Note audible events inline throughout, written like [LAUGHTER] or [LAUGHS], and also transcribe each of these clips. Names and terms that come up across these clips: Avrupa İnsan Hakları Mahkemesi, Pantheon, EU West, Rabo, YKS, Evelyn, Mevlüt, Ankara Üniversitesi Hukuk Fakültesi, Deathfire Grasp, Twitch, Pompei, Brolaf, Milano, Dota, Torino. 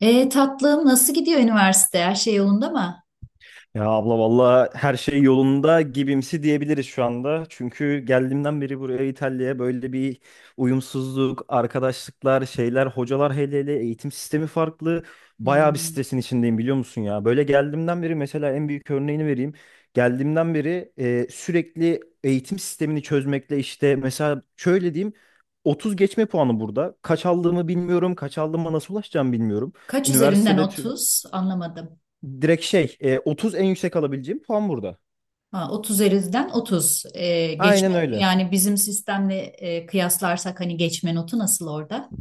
Tatlım, nasıl gidiyor üniversite? Her şey yolunda mı? Ya abla valla her şey yolunda gibimsi diyebiliriz şu anda. Çünkü geldiğimden beri buraya İtalya'ya böyle bir uyumsuzluk, arkadaşlıklar, şeyler, hocalar hele hele eğitim sistemi farklı. Bayağı bir Hmm. stresin içindeyim biliyor musun ya? Böyle geldiğimden beri mesela en büyük örneğini vereyim. Geldiğimden beri sürekli eğitim sistemini çözmekle işte mesela şöyle diyeyim 30 geçme puanı burada. Kaç aldığımı bilmiyorum, kaç aldığıma nasıl ulaşacağımı bilmiyorum. Kaç üzerinden Üniversitede tü- 30? Anlamadım. Direkt şey 30 en yüksek alabileceğim puan burada. Ha, 30 üzerinden 30. Geçme Aynen öyle. yani bizim sistemle kıyaslarsak hani geçme notu nasıl orada?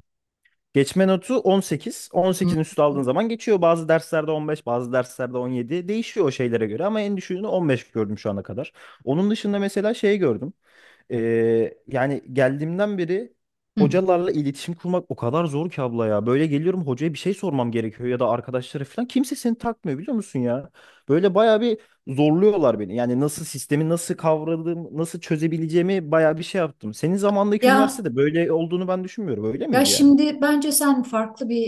Geçme notu 18, on Hı. sekizin üstü aldığın zaman geçiyor. Bazı derslerde 15, bazı derslerde 17 değişiyor o şeylere göre ama en düşüğünü 15 gördüm şu ana kadar. Onun dışında mesela şey gördüm. Yani geldiğimden beri Hı. hocalarla iletişim kurmak o kadar zor ki abla ya. Böyle geliyorum, hocaya bir şey sormam gerekiyor ya da arkadaşlara falan. Kimse seni takmıyor biliyor musun ya? Böyle bayağı bir zorluyorlar beni. Yani nasıl sistemi, nasıl kavradığım, nasıl çözebileceğimi bayağı bir şey yaptım. Senin zamandaki Ya üniversitede böyle olduğunu ben düşünmüyorum. Öyle Ya, miydi yani? şimdi bence sen farklı bir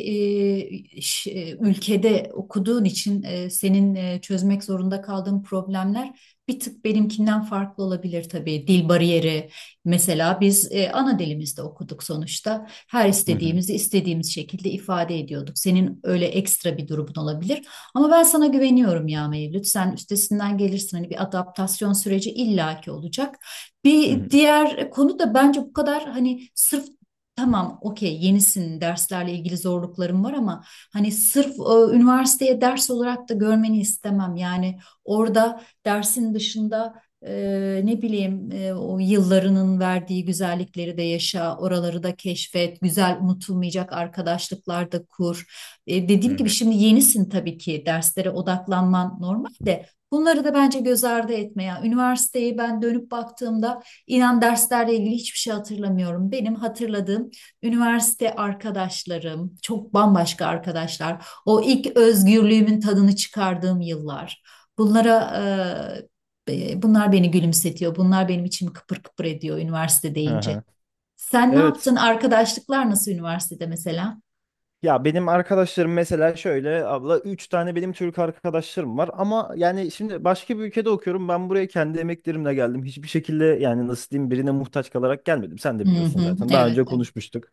ülkede okuduğun için senin çözmek zorunda kaldığın problemler bir tık benimkinden farklı olabilir tabii. Dil bariyeri mesela, biz ana dilimizde okuduk sonuçta. Her Hı hı. istediğimizi istediğimiz şekilde ifade ediyorduk. Senin öyle ekstra bir durumun olabilir. Ama ben sana güveniyorum ya Mevlüt. Sen üstesinden gelirsin. Hani bir adaptasyon süreci illaki olacak. Hı Bir hı. diğer konu da, bence bu kadar hani sırf… Tamam, okey, yenisin, derslerle ilgili zorluklarım var ama hani sırf üniversiteye ders olarak da görmeni istemem. Yani orada dersin dışında e, ne bileyim, o yıllarının verdiği güzellikleri de yaşa, oraları da keşfet, güzel unutulmayacak arkadaşlıklar da kur. Hı Dediğim gibi hı. şimdi yenisin, tabii ki derslere odaklanman normal de bunları da bence göz ardı etme. Ya üniversiteyi ben dönüp baktığımda İnan derslerle ilgili hiçbir şey hatırlamıyorum. Benim hatırladığım üniversite arkadaşlarım, çok bambaşka arkadaşlar. O ilk özgürlüğümün tadını çıkardığım yıllar. Bunlara bunlar beni gülümsetiyor. Bunlar benim içimi kıpır kıpır ediyor üniversite Hı deyince. hı. Sen ne Evet. yaptın? Arkadaşlıklar nasıl üniversitede mesela? Ya benim arkadaşlarım mesela şöyle abla, 3 tane benim Türk arkadaşlarım var ama yani şimdi başka bir ülkede okuyorum. Ben buraya kendi emeklerimle geldim, hiçbir şekilde yani nasıl diyeyim, birine muhtaç kalarak gelmedim. Sen de Hı biliyorsun hı, zaten, daha evet. önce Evet. konuşmuştuk.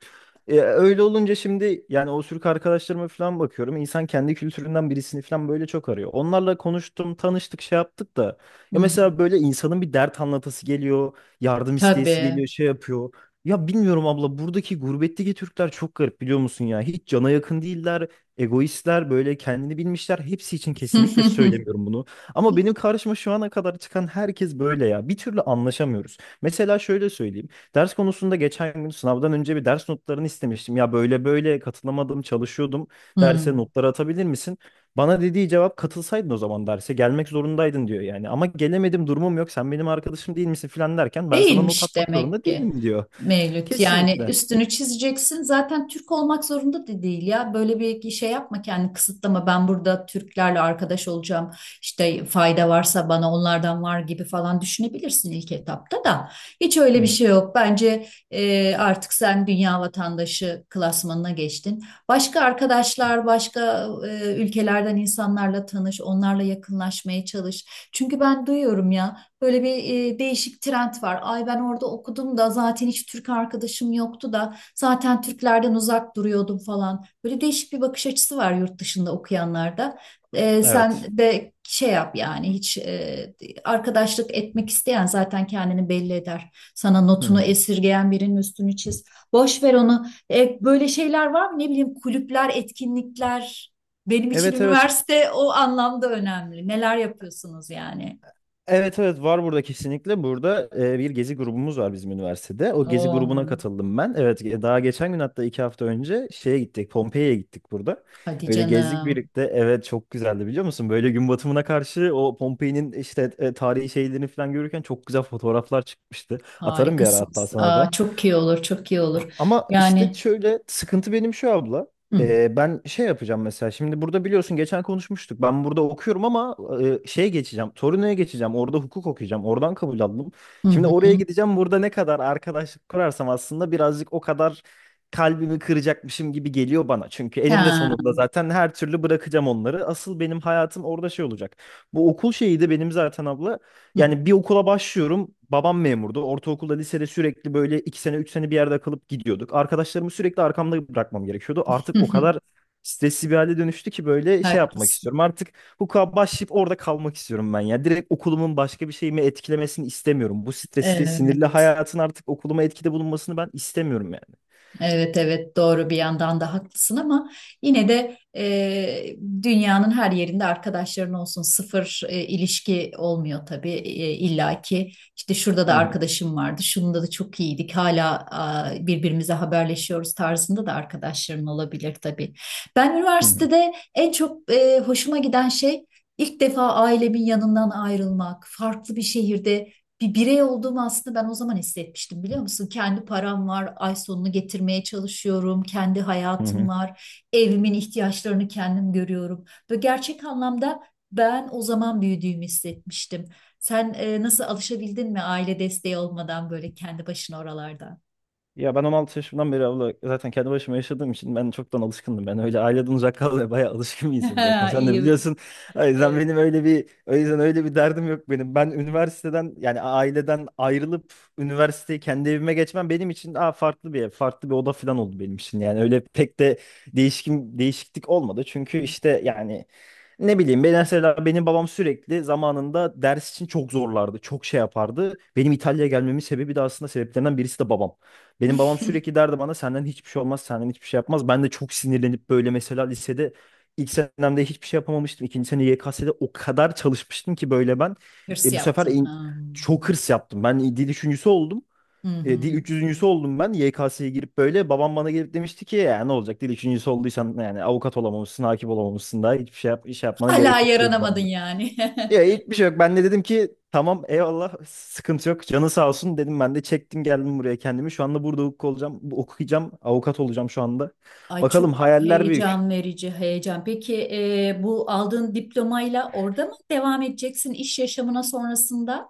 Öyle olunca şimdi yani o Türk arkadaşlarıma falan bakıyorum, insan kendi kültüründen birisini falan böyle çok arıyor. Onlarla konuştum, tanıştık, şey yaptık da Hı ya hı. mesela böyle insanın bir dert anlatası geliyor, yardım isteyesi Tabii. geliyor, şey yapıyor. Ya bilmiyorum abla, buradaki gurbetteki Türkler çok garip biliyor musun ya? Hiç cana yakın değiller, egoistler, böyle kendini bilmişler. Hepsi için kesinlikle [LAUGHS] söylemiyorum bunu. Ama benim karşıma şu ana kadar çıkan herkes böyle ya. Bir türlü anlaşamıyoruz. Mesela şöyle söyleyeyim. Ders konusunda geçen gün, sınavdan önce bir ders notlarını istemiştim. Ya böyle böyle katılamadım, çalışıyordum. Hı. Derse notları atabilir misin? Bana dediği cevap, katılsaydın o zaman, derse gelmek zorundaydın diyor yani. Ama gelemedim, durumum yok, sen benim arkadaşım değil misin filan derken, ben sana not Değilmiş atmak demek zorunda ki değilim diyor. Mevlüt. Yani Kesinlikle. üstünü çizeceksin. Zaten Türk olmak zorunda da değil ya. Böyle bir şey yapma, kendini kısıtlama. Ben burada Türklerle arkadaş olacağım, İşte fayda varsa bana onlardan var gibi falan düşünebilirsin ilk etapta da. Hiç Hı öyle bir hı. şey yok. Bence artık sen dünya vatandaşı klasmanına geçtin. Başka arkadaşlar, başka ülkelerden insanlarla tanış, onlarla yakınlaşmaya çalış. Çünkü ben duyuyorum ya. Böyle bir değişik trend var. Ay ben orada okudum da zaten hiç Türk arkadaşım yoktu da zaten Türklerden uzak duruyordum falan. Böyle değişik bir bakış açısı var yurt dışında okuyanlarda. Sen Evet. de şey yap yani, hiç arkadaşlık etmek isteyen zaten kendini belli eder. Sana Hı notunu hı. esirgeyen birinin üstünü çiz. Boş ver onu. Böyle şeyler var mı? Ne bileyim, kulüpler, etkinlikler. Benim için Evet evet. üniversite o anlamda önemli. Neler yapıyorsunuz yani? Evet evet, var burada kesinlikle. Burada bir gezi grubumuz var bizim üniversitede. O gezi grubuna Oo. katıldım ben. Evet, daha geçen gün, hatta 2 hafta önce şeye gittik. Pompei'ye gittik burada. Hadi Öyle gezdik canım. birlikte. Evet, çok güzeldi biliyor musun? Böyle gün batımına karşı o Pompei'nin işte tarihi şeylerini falan görürken çok güzel fotoğraflar çıkmıştı. Atarım bir ara hatta Harikasınız. sana da. Aa, çok iyi olur, çok iyi olur. Ama işte Yani, şöyle sıkıntı benim şu abla. hı Ben şey yapacağım mesela. Şimdi burada biliyorsun, geçen konuşmuştuk. Ben burada okuyorum ama şeye geçeceğim. Torino'ya geçeceğim. Orada hukuk okuyacağım. Oradan kabul aldım. hı Şimdi oraya hı. gideceğim. Burada ne kadar arkadaşlık kurarsam aslında birazcık o kadar kalbimi kıracakmışım gibi geliyor bana. Çünkü eninde Ha, sonunda zaten her türlü bırakacağım onları. Asıl benim hayatım orada şey olacak. Bu okul şeyi de benim zaten abla, hı. yani bir [LAUGHS] okula başlıyorum. Babam memurdu. Ortaokulda, lisede sürekli böyle 2 sene, 3 sene bir yerde kalıp gidiyorduk. Arkadaşlarımı sürekli arkamda bırakmam gerekiyordu. Artık Hı, o hı. kadar stresli bir hale dönüştü ki, böyle şey yapmak Haklısın. istiyorum. Artık hukuka başlayıp orada kalmak istiyorum ben ya. Direkt okulumun başka bir şeyimi etkilemesini istemiyorum. Bu stresli, sinirli Evet. hayatın artık okuluma etkide bulunmasını ben istemiyorum yani. Evet evet, doğru, bir yandan da haklısın ama yine de dünyanın her yerinde arkadaşların olsun, sıfır ilişki olmuyor tabii, illaki işte şurada Hı da hı, arkadaşım vardı, şunda da çok iyiydik hala a, birbirimize haberleşiyoruz tarzında da arkadaşların olabilir tabii. Ben hı hı, üniversitede en çok hoşuma giden şey, ilk defa ailemin yanından ayrılmak, farklı bir şehirde bir birey olduğumu aslında ben o zaman hissetmiştim, biliyor musun? Kendi param var, ay sonunu getirmeye çalışıyorum, kendi hı hayatım hı. var, evimin ihtiyaçlarını kendim görüyorum ve gerçek anlamda ben o zaman büyüdüğümü hissetmiştim. Sen nasıl, alışabildin mi aile desteği olmadan böyle kendi başına oralarda? Ya ben 16 yaşımdan beri abla zaten kendi başıma yaşadığım için ben çoktan alışkındım. Ben öyle aileden uzak kalmaya bayağı alışkın bir insanım zaten. [LAUGHS] Sen de İyi. biliyorsun. O yüzden e, benim öyle bir, o yüzden öyle bir derdim yok benim. Ben üniversiteden, yani aileden ayrılıp üniversiteyi kendi evime geçmem benim için farklı bir ev, farklı bir oda falan oldu benim için. Yani öyle pek de değişiklik olmadı. Çünkü işte yani ne bileyim ben, mesela benim babam sürekli zamanında ders için çok zorlardı. Çok şey yapardı. Benim İtalya'ya gelmemin sebebi de, aslında sebeplerinden birisi de babam. Benim babam sürekli derdi bana, senden hiçbir şey olmaz, senden hiçbir şey yapmaz. Ben de çok sinirlenip böyle mesela lisede ilk senemde hiçbir şey yapamamıştım. İkinci sene YKS'de o kadar çalışmıştım ki böyle ben. Hırs Bu sefer yaptın. Ha. çok hırs yaptım. Ben dil üçüncüsü oldum. Hı E, hı. dil 300.'sü oldum ben, YKS'ye girip böyle. Babam bana gelip demişti ki, ya ne olacak dil üçüncüsü olduysan, yani avukat olamamışsın, hakim olamamışsın, daha hiçbir şey yap, iş yapmana Hala gerek yok diyordu yaranamadın bana. yani. [LAUGHS] Ya hiçbir şey yok. Ben de dedim ki tamam eyvallah, sıkıntı yok. Canı sağ olsun dedim, ben de çektim geldim buraya kendimi. Şu anda burada hukuk olacağım, okuyacağım, avukat olacağım şu anda. Ay Bakalım, çok hayaller heyecan büyük. verici, heyecan. Peki bu aldığın diplomayla orada mı devam edeceksin iş yaşamına sonrasında?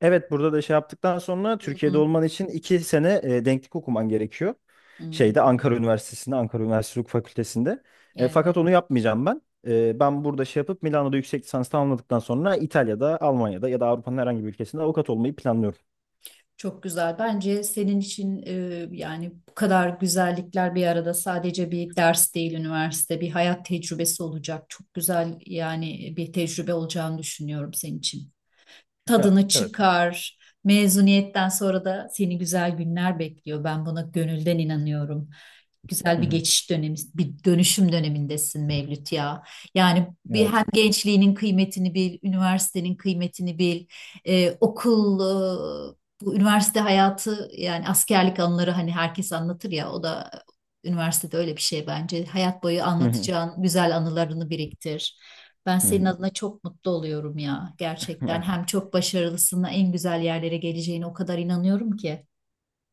Evet, burada da şey yaptıktan sonra Hı Türkiye'de hı, olman için 2 sene denklik okuman gerekiyor. hı hı. Şeyde, Ankara Üniversitesi'nde, Ankara Üniversitesi Hukuk Fakültesi'nde. Fakat Evet. onu yapmayacağım ben. Ben burada şey yapıp Milano'da yüksek lisans tamamladıktan sonra İtalya'da, Almanya'da ya da Avrupa'nın herhangi bir ülkesinde avukat olmayı planlıyorum. Çok güzel. Bence senin için yani bu kadar güzellikler bir arada, sadece bir ders değil üniversite, bir hayat tecrübesi olacak. Çok güzel yani, bir tecrübe olacağını düşünüyorum senin için. Ya, Tadını evet. çıkar. Mezuniyetten sonra da seni güzel günler bekliyor. Ben buna gönülden inanıyorum. Güzel Hı bir hı. geçiş dönemi, bir dönüşüm dönemindesin Mevlüt ya. Yani bir, Evet. hem gençliğinin kıymetini bil, üniversitenin kıymetini bil, e, okul, e, bu üniversite hayatı yani, askerlik anıları hani herkes anlatır ya, o da üniversitede öyle bir şey bence. Hayat boyu Hı hı. anlatacağın güzel anılarını biriktir. Ben Hı senin hı. adına çok mutlu oluyorum ya, gerçekten. Ya, Hem çok başarılısına, en güzel yerlere geleceğine o kadar inanıyorum ki.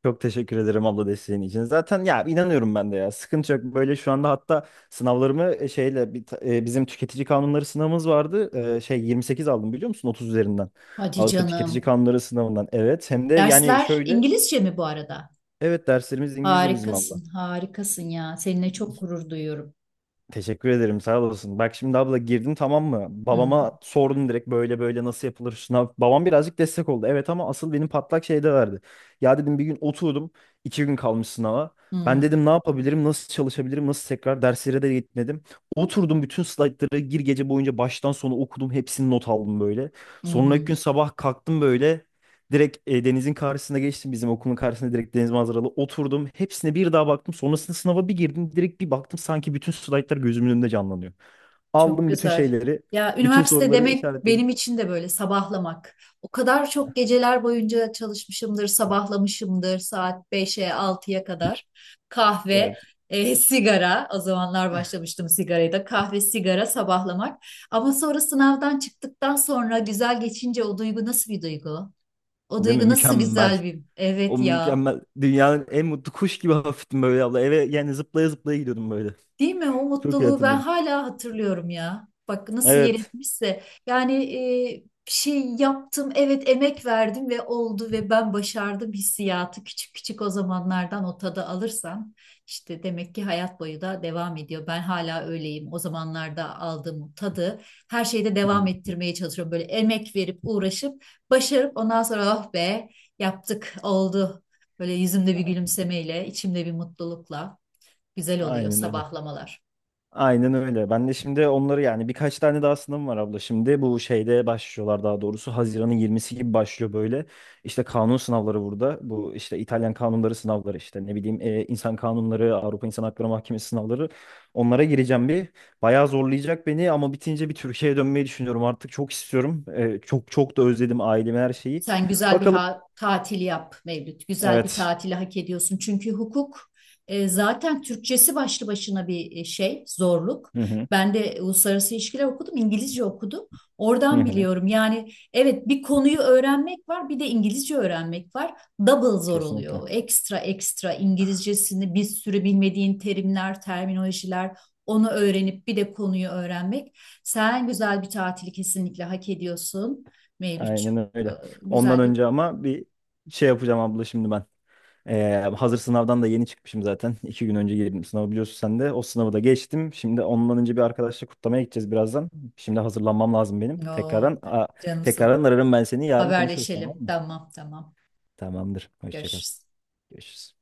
çok teşekkür ederim abla desteğin için. Zaten ya, inanıyorum ben de ya. Sıkıntı yok. Böyle şu anda hatta sınavlarımı e, şeyle bir ta- e, bizim tüketici kanunları sınavımız vardı. Şey 28 aldım biliyor musun? 30 üzerinden. Hadi Avrupa Tüketici canım. Kanunları sınavından. Evet. Hem de yani Dersler şöyle, İngilizce mi bu arada? evet, derslerimiz İngilizce bizim abla. Harikasın, harikasın ya. Seninle çok gurur duyuyorum. Teşekkür ederim, sağ olasın. Bak şimdi abla, girdin tamam mı? Hı hı, Babama sordum direkt böyle böyle nasıl yapılır sınav. Babam birazcık destek oldu. Evet ama asıl benim patlak şeyde verdi. Ya dedim bir gün oturdum. 2 gün kalmış sınava. hı Ben hı, dedim ne yapabilirim, nasıl çalışabilirim, nasıl tekrar. Derslere de gitmedim. Oturdum bütün slaytları gece boyunca baştan sona okudum. Hepsini not aldım böyle. hı Sonraki hı. gün sabah kalktım böyle. Direkt denizin karşısına geçtim. Bizim okulun karşısında direkt deniz manzaralı oturdum. Hepsine bir daha baktım. Sonrasında sınava bir girdim. Direkt bir baktım, sanki bütün slaytlar gözümün önünde canlanıyor. Çok Aldım bütün güzel. şeyleri. Ya Bütün üniversite soruları demek işaretledim. benim için de böyle sabahlamak. O kadar çok geceler boyunca çalışmışımdır, sabahlamışımdır, saat beşe altıya kadar. Kahve, Evet. Sigara. O zamanlar [LAUGHS] başlamıştım sigarayı da. Kahve, sigara, sabahlamak. Ama sonra sınavdan çıktıktan sonra güzel geçince o duygu, nasıl bir duygu? O Değil mi? duygu nasıl Mükemmel. güzel bir… O Evet ya. mükemmel. Dünyanın en mutlu kuş gibi hafiftim böyle abla. Eve yani zıplaya zıplaya gidiyordum böyle. Değil mi? O Çok iyi mutluluğu ben hatırlıyorum. hala hatırlıyorum ya. Bak nasıl yer Evet. etmişse. Yani bir şey yaptım, evet, emek verdim ve oldu ve ben başardım hissiyatı, küçük küçük o zamanlardan o tadı alırsam işte demek ki hayat boyu da devam ediyor. Ben hala öyleyim. O zamanlarda aldığım o tadı her şeyde Hı devam hı. ettirmeye çalışıyorum. Böyle emek verip, uğraşıp, başarıp, ondan sonra oh be, yaptık oldu. Böyle yüzümde bir gülümsemeyle, içimde bir mutlulukla, güzel oluyor Aynen öyle. sabahlamalar. Aynen öyle. Ben de şimdi onları, yani birkaç tane daha sınavım var abla. Şimdi bu şeyde başlıyorlar, daha doğrusu Haziran'ın 20'si gibi başlıyor böyle. İşte kanun sınavları burada. Bu işte İtalyan kanunları sınavları, işte ne bileyim, insan kanunları, Avrupa İnsan Hakları Mahkemesi sınavları. Onlara gireceğim bir. Bayağı zorlayacak beni ama bitince bir Türkiye'ye dönmeyi düşünüyorum. Artık çok istiyorum. Çok çok da özledim ailemi, her şeyi. Sen güzel bir Bakalım. Tatil yap Mevlüt. Güzel bir Evet. tatili hak ediyorsun. Çünkü hukuk zaten Türkçesi başlı başına bir şey, zorluk. Hı hı. Ben de uluslararası ilişkiler okudum, İngilizce okudum. Hı Oradan hı. biliyorum. Yani evet, bir konuyu öğrenmek var, bir de İngilizce öğrenmek var. Double zor Kesinlikle. oluyor. Ekstra ekstra İngilizcesini, bir sürü bilmediğin terimler, terminolojiler, onu öğrenip bir de konuyu öğrenmek. Sen güzel bir tatili kesinlikle hak ediyorsun Mevlütçüm. Aynen Ee, öyle. Ondan Güzel bir… önce ama bir şey yapacağım abla şimdi ben. Hazır sınavdan da yeni çıkmışım zaten. İki gün önce girdim sınavı, biliyorsun sen de. O sınavı da geçtim. Şimdi ondan önce bir arkadaşla kutlamaya gideceğiz birazdan. Şimdi hazırlanmam lazım benim. Oo, Tekrardan, a- canımsın. tekrardan ararım ben seni. Yarın konuşuruz tamam Haberleşelim. mı? Tamam tamam. Tamamdır. Hoşça kal. Görüşürüz. Görüşürüz.